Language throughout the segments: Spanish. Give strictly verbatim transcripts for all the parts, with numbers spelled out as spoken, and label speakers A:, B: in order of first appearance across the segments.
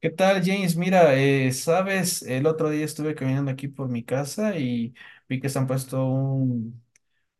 A: ¿Qué tal, James? Mira, eh, sabes, el otro día estuve caminando aquí por mi casa y vi que se han puesto un,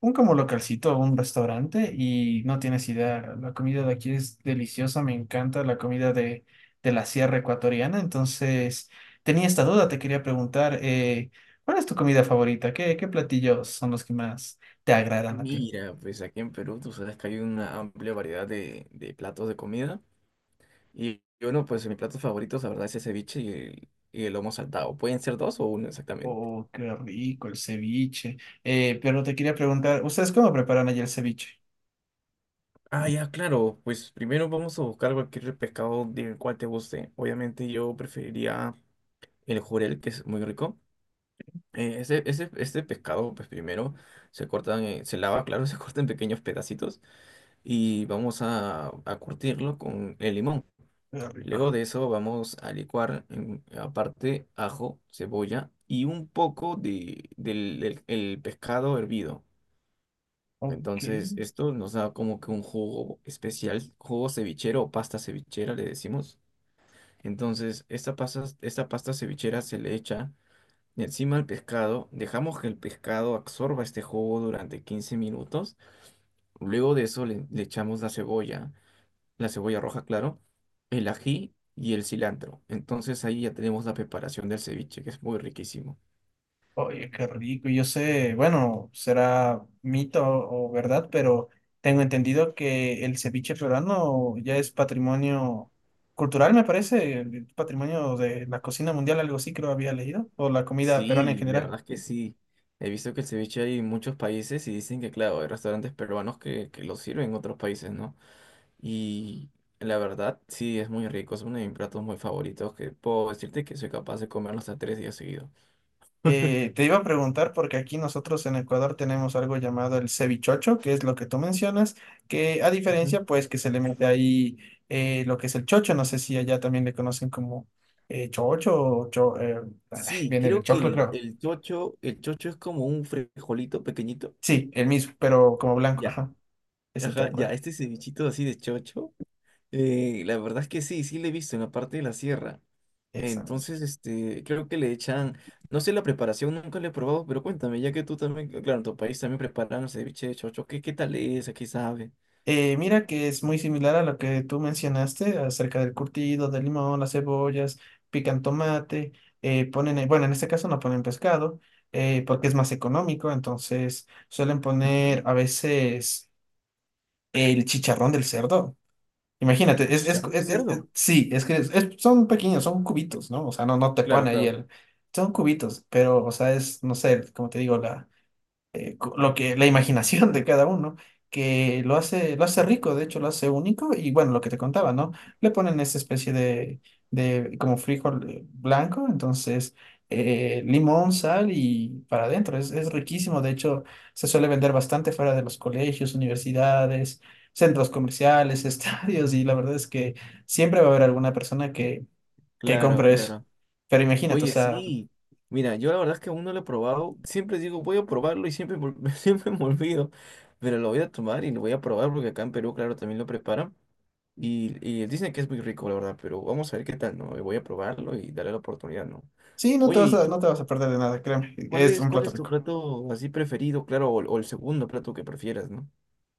A: un como localcito, un restaurante y no tienes idea, la comida de aquí es deliciosa, me encanta la comida de, de la sierra ecuatoriana, entonces tenía esta duda, te quería preguntar, eh, ¿cuál es tu comida favorita? ¿Qué, qué platillos son los que más te agradan a ti?
B: Mira, pues aquí en Perú tú sabes que hay una amplia variedad de, de platos de comida. Y bueno, pues mis platos favoritos, la verdad, es el ceviche y el, y el lomo saltado. Pueden ser dos o uno exactamente.
A: Oh, qué rico el ceviche. Eh, pero te quería preguntar, ¿ustedes cómo preparan allí el ceviche?
B: Ah, ya, claro. Pues primero vamos a buscar cualquier pescado del cual te guste. Obviamente yo preferiría el jurel, que es muy rico. Eh, ese, ese, este pescado, pues primero se cortan, eh, se lava, claro, se corta en pequeños pedacitos y vamos a, a curtirlo con el limón.
A: Qué rico.
B: Luego de eso vamos a licuar en- aparte ajo, cebolla y un poco de, del, del- el pescado hervido.
A: Ok.
B: Entonces esto nos da como que un jugo especial, jugo cevichero o pasta cevichera le decimos. Entonces esta pasta, esta pasta cevichera se le echa encima al pescado, dejamos que el pescado absorba este jugo durante quince minutos. Luego de eso le, le echamos la cebolla la cebolla roja, claro, el ají y el cilantro. Entonces ahí ya tenemos la preparación del ceviche, que es muy riquísimo.
A: Oye, qué rico. Yo sé, bueno, será mito o verdad, pero tengo entendido que el ceviche peruano ya es patrimonio cultural, me parece, patrimonio de la cocina mundial, algo así creo había leído, o la comida peruana en
B: Sí, la
A: general.
B: verdad es que sí. He visto que el ceviche hay en muchos países y dicen que, claro, hay restaurantes peruanos que, que lo sirven en otros países, ¿no? Y la verdad, sí, es muy rico. Es uno de mis platos muy favoritos que puedo decirte que soy capaz de comerlo hasta tres días seguidos.
A: Eh, te iba a preguntar porque aquí nosotros en Ecuador tenemos algo llamado el cevichocho, que es lo que tú mencionas, que a
B: Ujú.
A: diferencia pues que se le mete ahí eh, lo que es el chocho, no sé si allá también le conocen como eh, chocho o cho- eh, ay,
B: Sí,
A: viene del
B: creo que
A: choclo
B: el,
A: creo.
B: el chocho, el chocho es como un frijolito pequeñito.
A: Sí, el mismo, pero como blanco,
B: Ya,
A: ajá, ese
B: ajá,
A: tal
B: ya,
A: cual.
B: este cevichito así de chocho. Eh, la verdad es que sí, sí le he visto en la parte de la sierra.
A: Esa.
B: Entonces, este, creo que le echan, no sé la preparación, nunca la he probado, pero cuéntame, ya que tú también, claro, en tu país también preparan el ceviche de chocho, ¿qué, qué tal es? ¿A qué sabe?
A: Eh, mira que es muy similar a lo que tú mencionaste acerca del curtido, del limón, las cebollas, pican tomate, eh, ponen, eh, bueno, en este caso no ponen pescado, eh, porque es más económico, entonces suelen
B: Ujú.
A: poner a veces el chicharrón del cerdo.
B: Ah,
A: Imagínate, es, es,
B: chicharrón de
A: es- es- es-
B: cerdo.
A: sí, es que es- es- son pequeños, son cubitos, ¿no? O sea, no, no te
B: Claro,
A: pone ahí
B: claro,
A: el... Son cubitos, pero, o sea, es, no sé, como te digo, la eh, co- lo que la imaginación de cada uno, que lo hace, lo hace rico, de hecho lo hace único, y bueno, lo que te contaba, ¿no? Le ponen esa especie de, de como frijol eh, blanco, entonces eh, limón, sal y para adentro, es, es riquísimo, de hecho se suele vender bastante fuera de los colegios, universidades, centros comerciales, estadios, y la verdad es que siempre va a haber alguna persona que, que
B: claro,
A: compre eso.
B: claro.
A: Pero imagínate, o
B: Oye,
A: sea,
B: sí. Mira, yo la verdad es que aún no lo he probado. Siempre digo, voy a probarlo y siempre, me ol- siempre me olvido. Pero lo voy a tomar y lo voy a probar porque acá en Perú, claro, también lo preparan. Y, y dicen que es muy rico, la verdad, pero vamos a ver qué tal, ¿no? Voy a probarlo y darle la oportunidad, ¿no?
A: sí, no te
B: Oye,
A: vas
B: ¿y
A: a, no
B: tú?
A: te vas a perder de nada, créeme,
B: ¿Cuál
A: es
B: es,
A: un
B: cuál
A: plato
B: es tu
A: rico.
B: plato así preferido? Claro, o, o el segundo plato que prefieras, ¿no?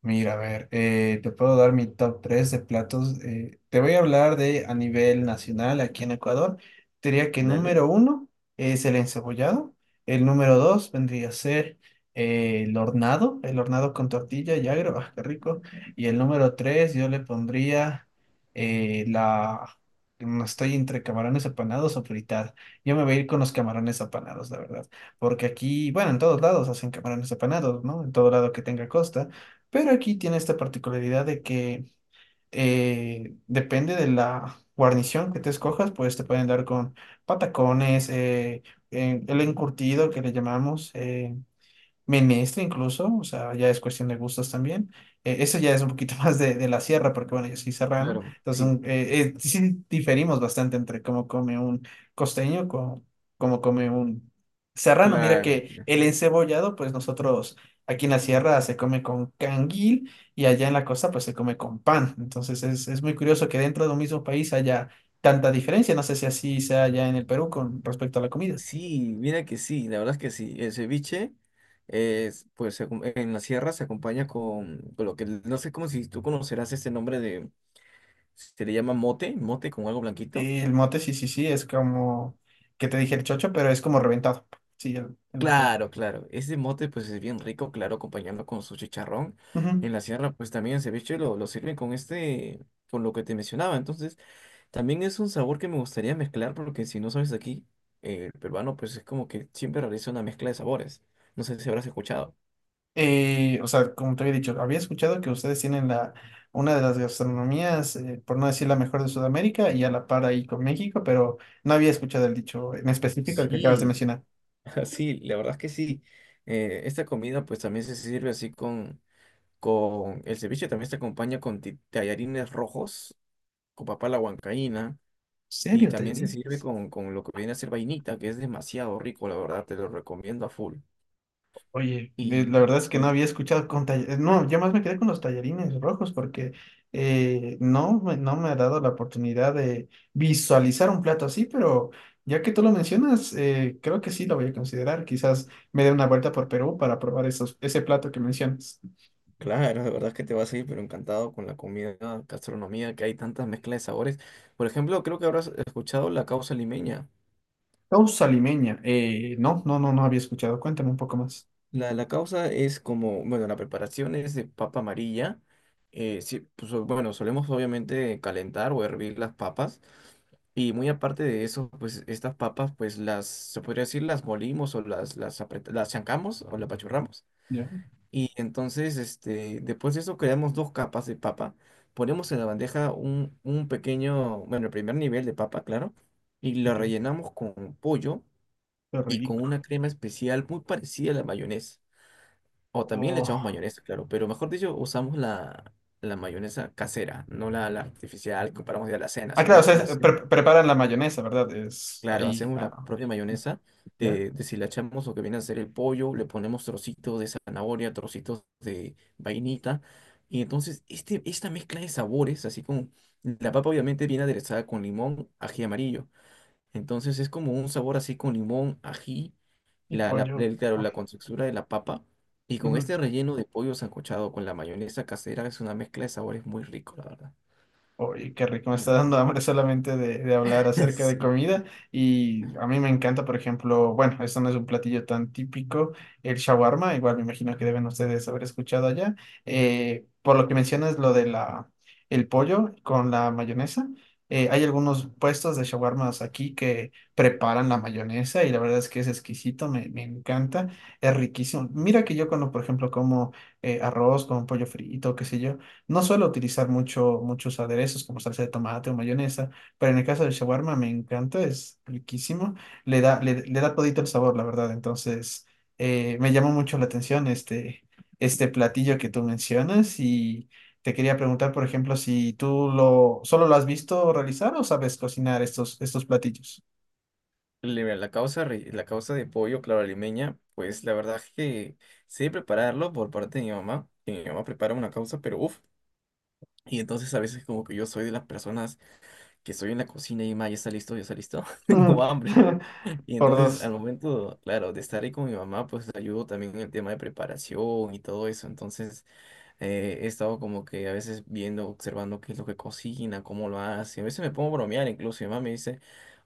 A: Mira, a ver, eh, te puedo dar mi top tres de platos. Eh, te voy a hablar de a nivel nacional aquí en Ecuador. Te diría que
B: Dale.
A: número uno es el encebollado. El número dos vendría a ser eh, el hornado, el hornado con tortilla y agro, ah, qué rico. Y el número tres yo le pondría eh, la... No estoy entre camarones apanados o fritada. Yo me voy a ir con los camarones apanados, la verdad. Porque aquí, bueno, en todos lados hacen camarones apanados, ¿no? En todo lado que tenga costa, pero aquí tiene esta particularidad de que eh, depende de la guarnición que te escojas, pues te pueden dar con patacones, eh, eh, el encurtido que le llamamos, eh, menestra incluso, o sea, ya es cuestión de gustos también. Eh, eso ya es un poquito más de, de la sierra, porque bueno, yo soy serrano,
B: Claro,
A: entonces
B: sí.
A: un- eh, eh, sí diferimos bastante entre cómo come un costeño, con cómo come un serrano. Mira
B: Claro.
A: que el encebollado, pues nosotros aquí en la sierra se come con canguil y allá en la costa pues se come con pan. Entonces es, es muy curioso que dentro de un mismo país haya tanta diferencia. No sé si así sea allá en el Perú con respecto a la comida.
B: Sí, mira que sí, la verdad es que sí. El ceviche, es, pues se acom- en la sierra se acompaña con, con lo que, no sé cómo si tú conocerás este nombre de, se le llama mote, mote con algo blanquito.
A: Y el mote, sí, sí, sí, es como que te dije el chocho, pero es como reventado. Sí, el, el mote.
B: Claro, claro, ese mote pues es bien rico, claro, acompañando con su chicharrón.
A: Ujú.
B: En la sierra pues también el ceviche lo, lo sirven con este, con lo que te mencionaba. Entonces también es un sabor que me gustaría mezclar porque si no sabes aquí, eh, el peruano pues es como que siempre realiza una mezcla de sabores. No sé si habrás escuchado.
A: Eh, o sea, como te había dicho, había escuchado que ustedes tienen la, una de las gastronomías, eh, por no decir la mejor de Sudamérica, y a la par ahí con México, pero no había escuchado el dicho en específico el que acabas de
B: Sí,
A: mencionar. ¿En
B: Sí, la verdad es que sí. Eh, esta comida pues también se sirve así con, con el ceviche, también se acompaña con ti- tallarines rojos, con papa a la huancaína, y
A: serio,
B: también
A: Taylor?
B: se sirve con, con lo que viene a ser vainita, que es demasiado rico, la verdad, te lo recomiendo a full.
A: Oye, eh, la
B: Y,
A: verdad es que no
B: y
A: había escuchado con tallarines. No, yo más me quedé con los tallarines rojos porque eh, no, me- no me ha dado la oportunidad de visualizar un plato así, pero ya que tú lo mencionas, eh, creo que sí lo voy a considerar. Quizás me dé una vuelta por Perú para probar esos, ese plato que mencionas.
B: claro, la verdad es que te vas a ir pero encantado con la comida, gastronomía, que hay tantas mezclas de sabores. Por ejemplo, creo que habrás escuchado la causa limeña.
A: Causa limeña. Eh, no, no, no, no había escuchado. Cuéntame un poco más.
B: La, la causa es como, bueno, la preparación es de papa amarilla. Eh, sí, pues, o- bueno, solemos obviamente calentar o hervir las papas. Y muy aparte de eso, pues estas papas, pues las, se podría decir, las molimos o las, las, apret- las chancamos o las apachurramos.
A: Ya,
B: Y entonces, este, después de eso, creamos dos capas de papa. Ponemos en la bandeja un, un pequeño, bueno, el primer nivel de papa, claro. Y lo
A: ok,
B: rellenamos con pollo
A: qué
B: y con
A: rico.
B: una crema especial muy parecida a la mayonesa. O también le echamos
A: Oh.
B: mayonesa, claro, pero mejor dicho, usamos la, la mayonesa casera, no la, la artificial que compramos de la cena,
A: Ah, claro, o
B: sino
A: sea, es-
B: la, ce-
A: pre- preparan la mayonesa, ¿verdad? Es
B: claro,
A: ahí,
B: hacemos la
A: ah,
B: propia mayonesa,
A: ya.
B: de, deshilachamos lo que viene a ser el pollo, le ponemos trocitos de zanahoria, trocitos de vainita, y entonces este, esta mezcla de sabores, así como la papa obviamente viene aderezada con limón, ají amarillo, entonces es como un sabor así con limón, ají
A: Y
B: la, la,
A: pollo.
B: el- claro,
A: Ah,
B: la contextura de la papa. Y con
A: ujú.
B: este relleno de pollo sancochado con la mayonesa casera es una mezcla de sabores muy rico, la verdad.
A: Oye, qué rico, me está
B: Mm.
A: dando hambre solamente de, de hablar acerca de
B: Sí.
A: comida, y a mí me encanta, por ejemplo, bueno, esto no es un platillo tan típico, el shawarma, igual me imagino que deben ustedes haber escuchado allá. Eh, por lo que mencionas lo de la, el pollo con la mayonesa, eh, hay algunos puestos de shawarmas aquí que preparan la mayonesa y la verdad es que es exquisito, me, me encanta, es riquísimo. Mira que yo cuando, por ejemplo, como eh, arroz con pollo frito, qué sé yo. No suelo utilizar mucho, muchos aderezos como salsa de tomate o mayonesa, pero en el caso del shawarma me encanta, es riquísimo, le da, le, le da todito el sabor, la verdad. Entonces, eh, me llamó mucho la atención este, este platillo que tú mencionas y te quería preguntar, por ejemplo, si tú lo, solo lo has visto realizar o sabes cocinar estos, estos platillos.
B: Le- La causa, re- la causa de pollo, claro, limeña, pues la verdad es que sé prepararlo por parte de mi mamá. Que Mi mamá prepara una causa, pero uff. Y entonces a veces como que yo soy de las personas que estoy en la cocina y ma, ya está listo, ya está listo, tengo hambre. Y
A: Por
B: entonces al
A: dos.
B: momento, claro, de estar ahí con mi mamá, pues ayudo también en el tema de preparación y todo eso. Entonces... Eh, he estado como que a veces viendo, observando qué es lo que cocina, cómo lo hace. A veces me pongo a bromear incluso. Mi mamá me dice,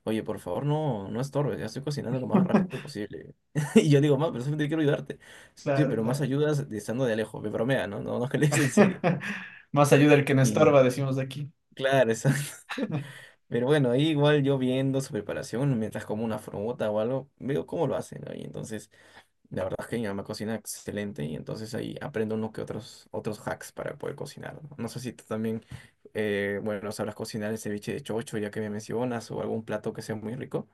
B: oye, por favor, no, no estorbes, ya estoy cocinando lo más rápido posible. Y yo digo, mamá, pero solamente quiero ayudarte. Sí,
A: Claro,
B: pero más
A: claro.
B: ayudas de estando de lejos, me bromea, ¿no? No, no es que le des en serio.
A: Más ayuda el que no
B: Y
A: estorba, decimos de aquí.
B: claro, exacto. Pero bueno, ahí igual yo viendo su preparación, mientras como una fruta o algo, veo cómo lo hacen, ¿no? Y entonces la verdad es que mi mamá cocina excelente y entonces ahí aprendo unos que otros, otros hacks para poder cocinar. No No sé si tú también, eh, bueno, sabrás cocinar el ceviche de chocho ya que me mencionas o algún plato que sea muy rico.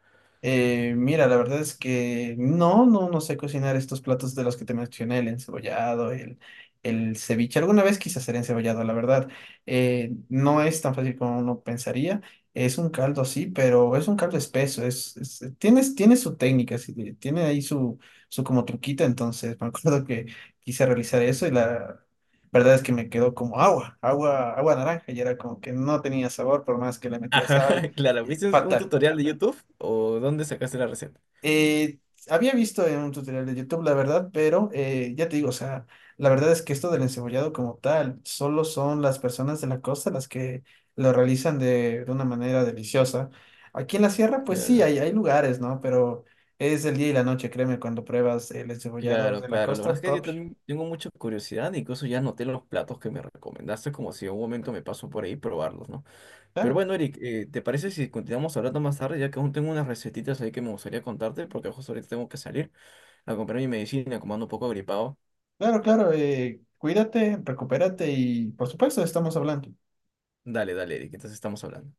A: Eh, mira, la verdad es que no, no, no sé cocinar estos platos de los que te mencioné, el encebollado, el, el ceviche. Alguna vez quise hacer encebollado, la verdad. Eh, no es tan fácil como uno pensaría. Es un caldo, sí, pero es un caldo espeso. Es, es- tiene, tiene su técnica, sí, de- tiene ahí su, su como truquita. Entonces, me acuerdo que quise realizar eso y la verdad es que me quedó como agua, agua, agua naranja. Y era como que no tenía sabor por más que le metía
B: Ajá,
A: sal.
B: claro.
A: eh,
B: ¿Viste un
A: Fatal.
B: tutorial de YouTube o dónde sacaste la receta?
A: Eh, Había visto en un tutorial de YouTube, la verdad, pero eh, ya te digo, o sea, la verdad es que esto del encebollado como tal, solo son las personas de la costa las que lo realizan de, de una manera deliciosa. Aquí en la sierra, pues sí,
B: Claro,
A: hay, hay lugares, ¿no? Pero es el día y la noche, créeme, cuando pruebas el encebollado
B: claro,
A: de la
B: claro. La verdad es
A: costa
B: que yo
A: propio.
B: también tengo mucha curiosidad, incluso ya anoté los platos que me recomendaste, como si en un momento me paso por ahí y probarlos, ¿no? Pero
A: Claro,
B: bueno, Eric, eh, ¿te parece si continuamos hablando más tarde, ya que aún tengo unas recetitas ahí que me gustaría contarte, porque justo ahorita tengo que salir a comprar mi medicina, como ando un poco gripado?
A: claro, claro. Eh, cuídate, recupérate y por supuesto estamos hablando.
B: Dale, dale, Eric, entonces estamos hablando.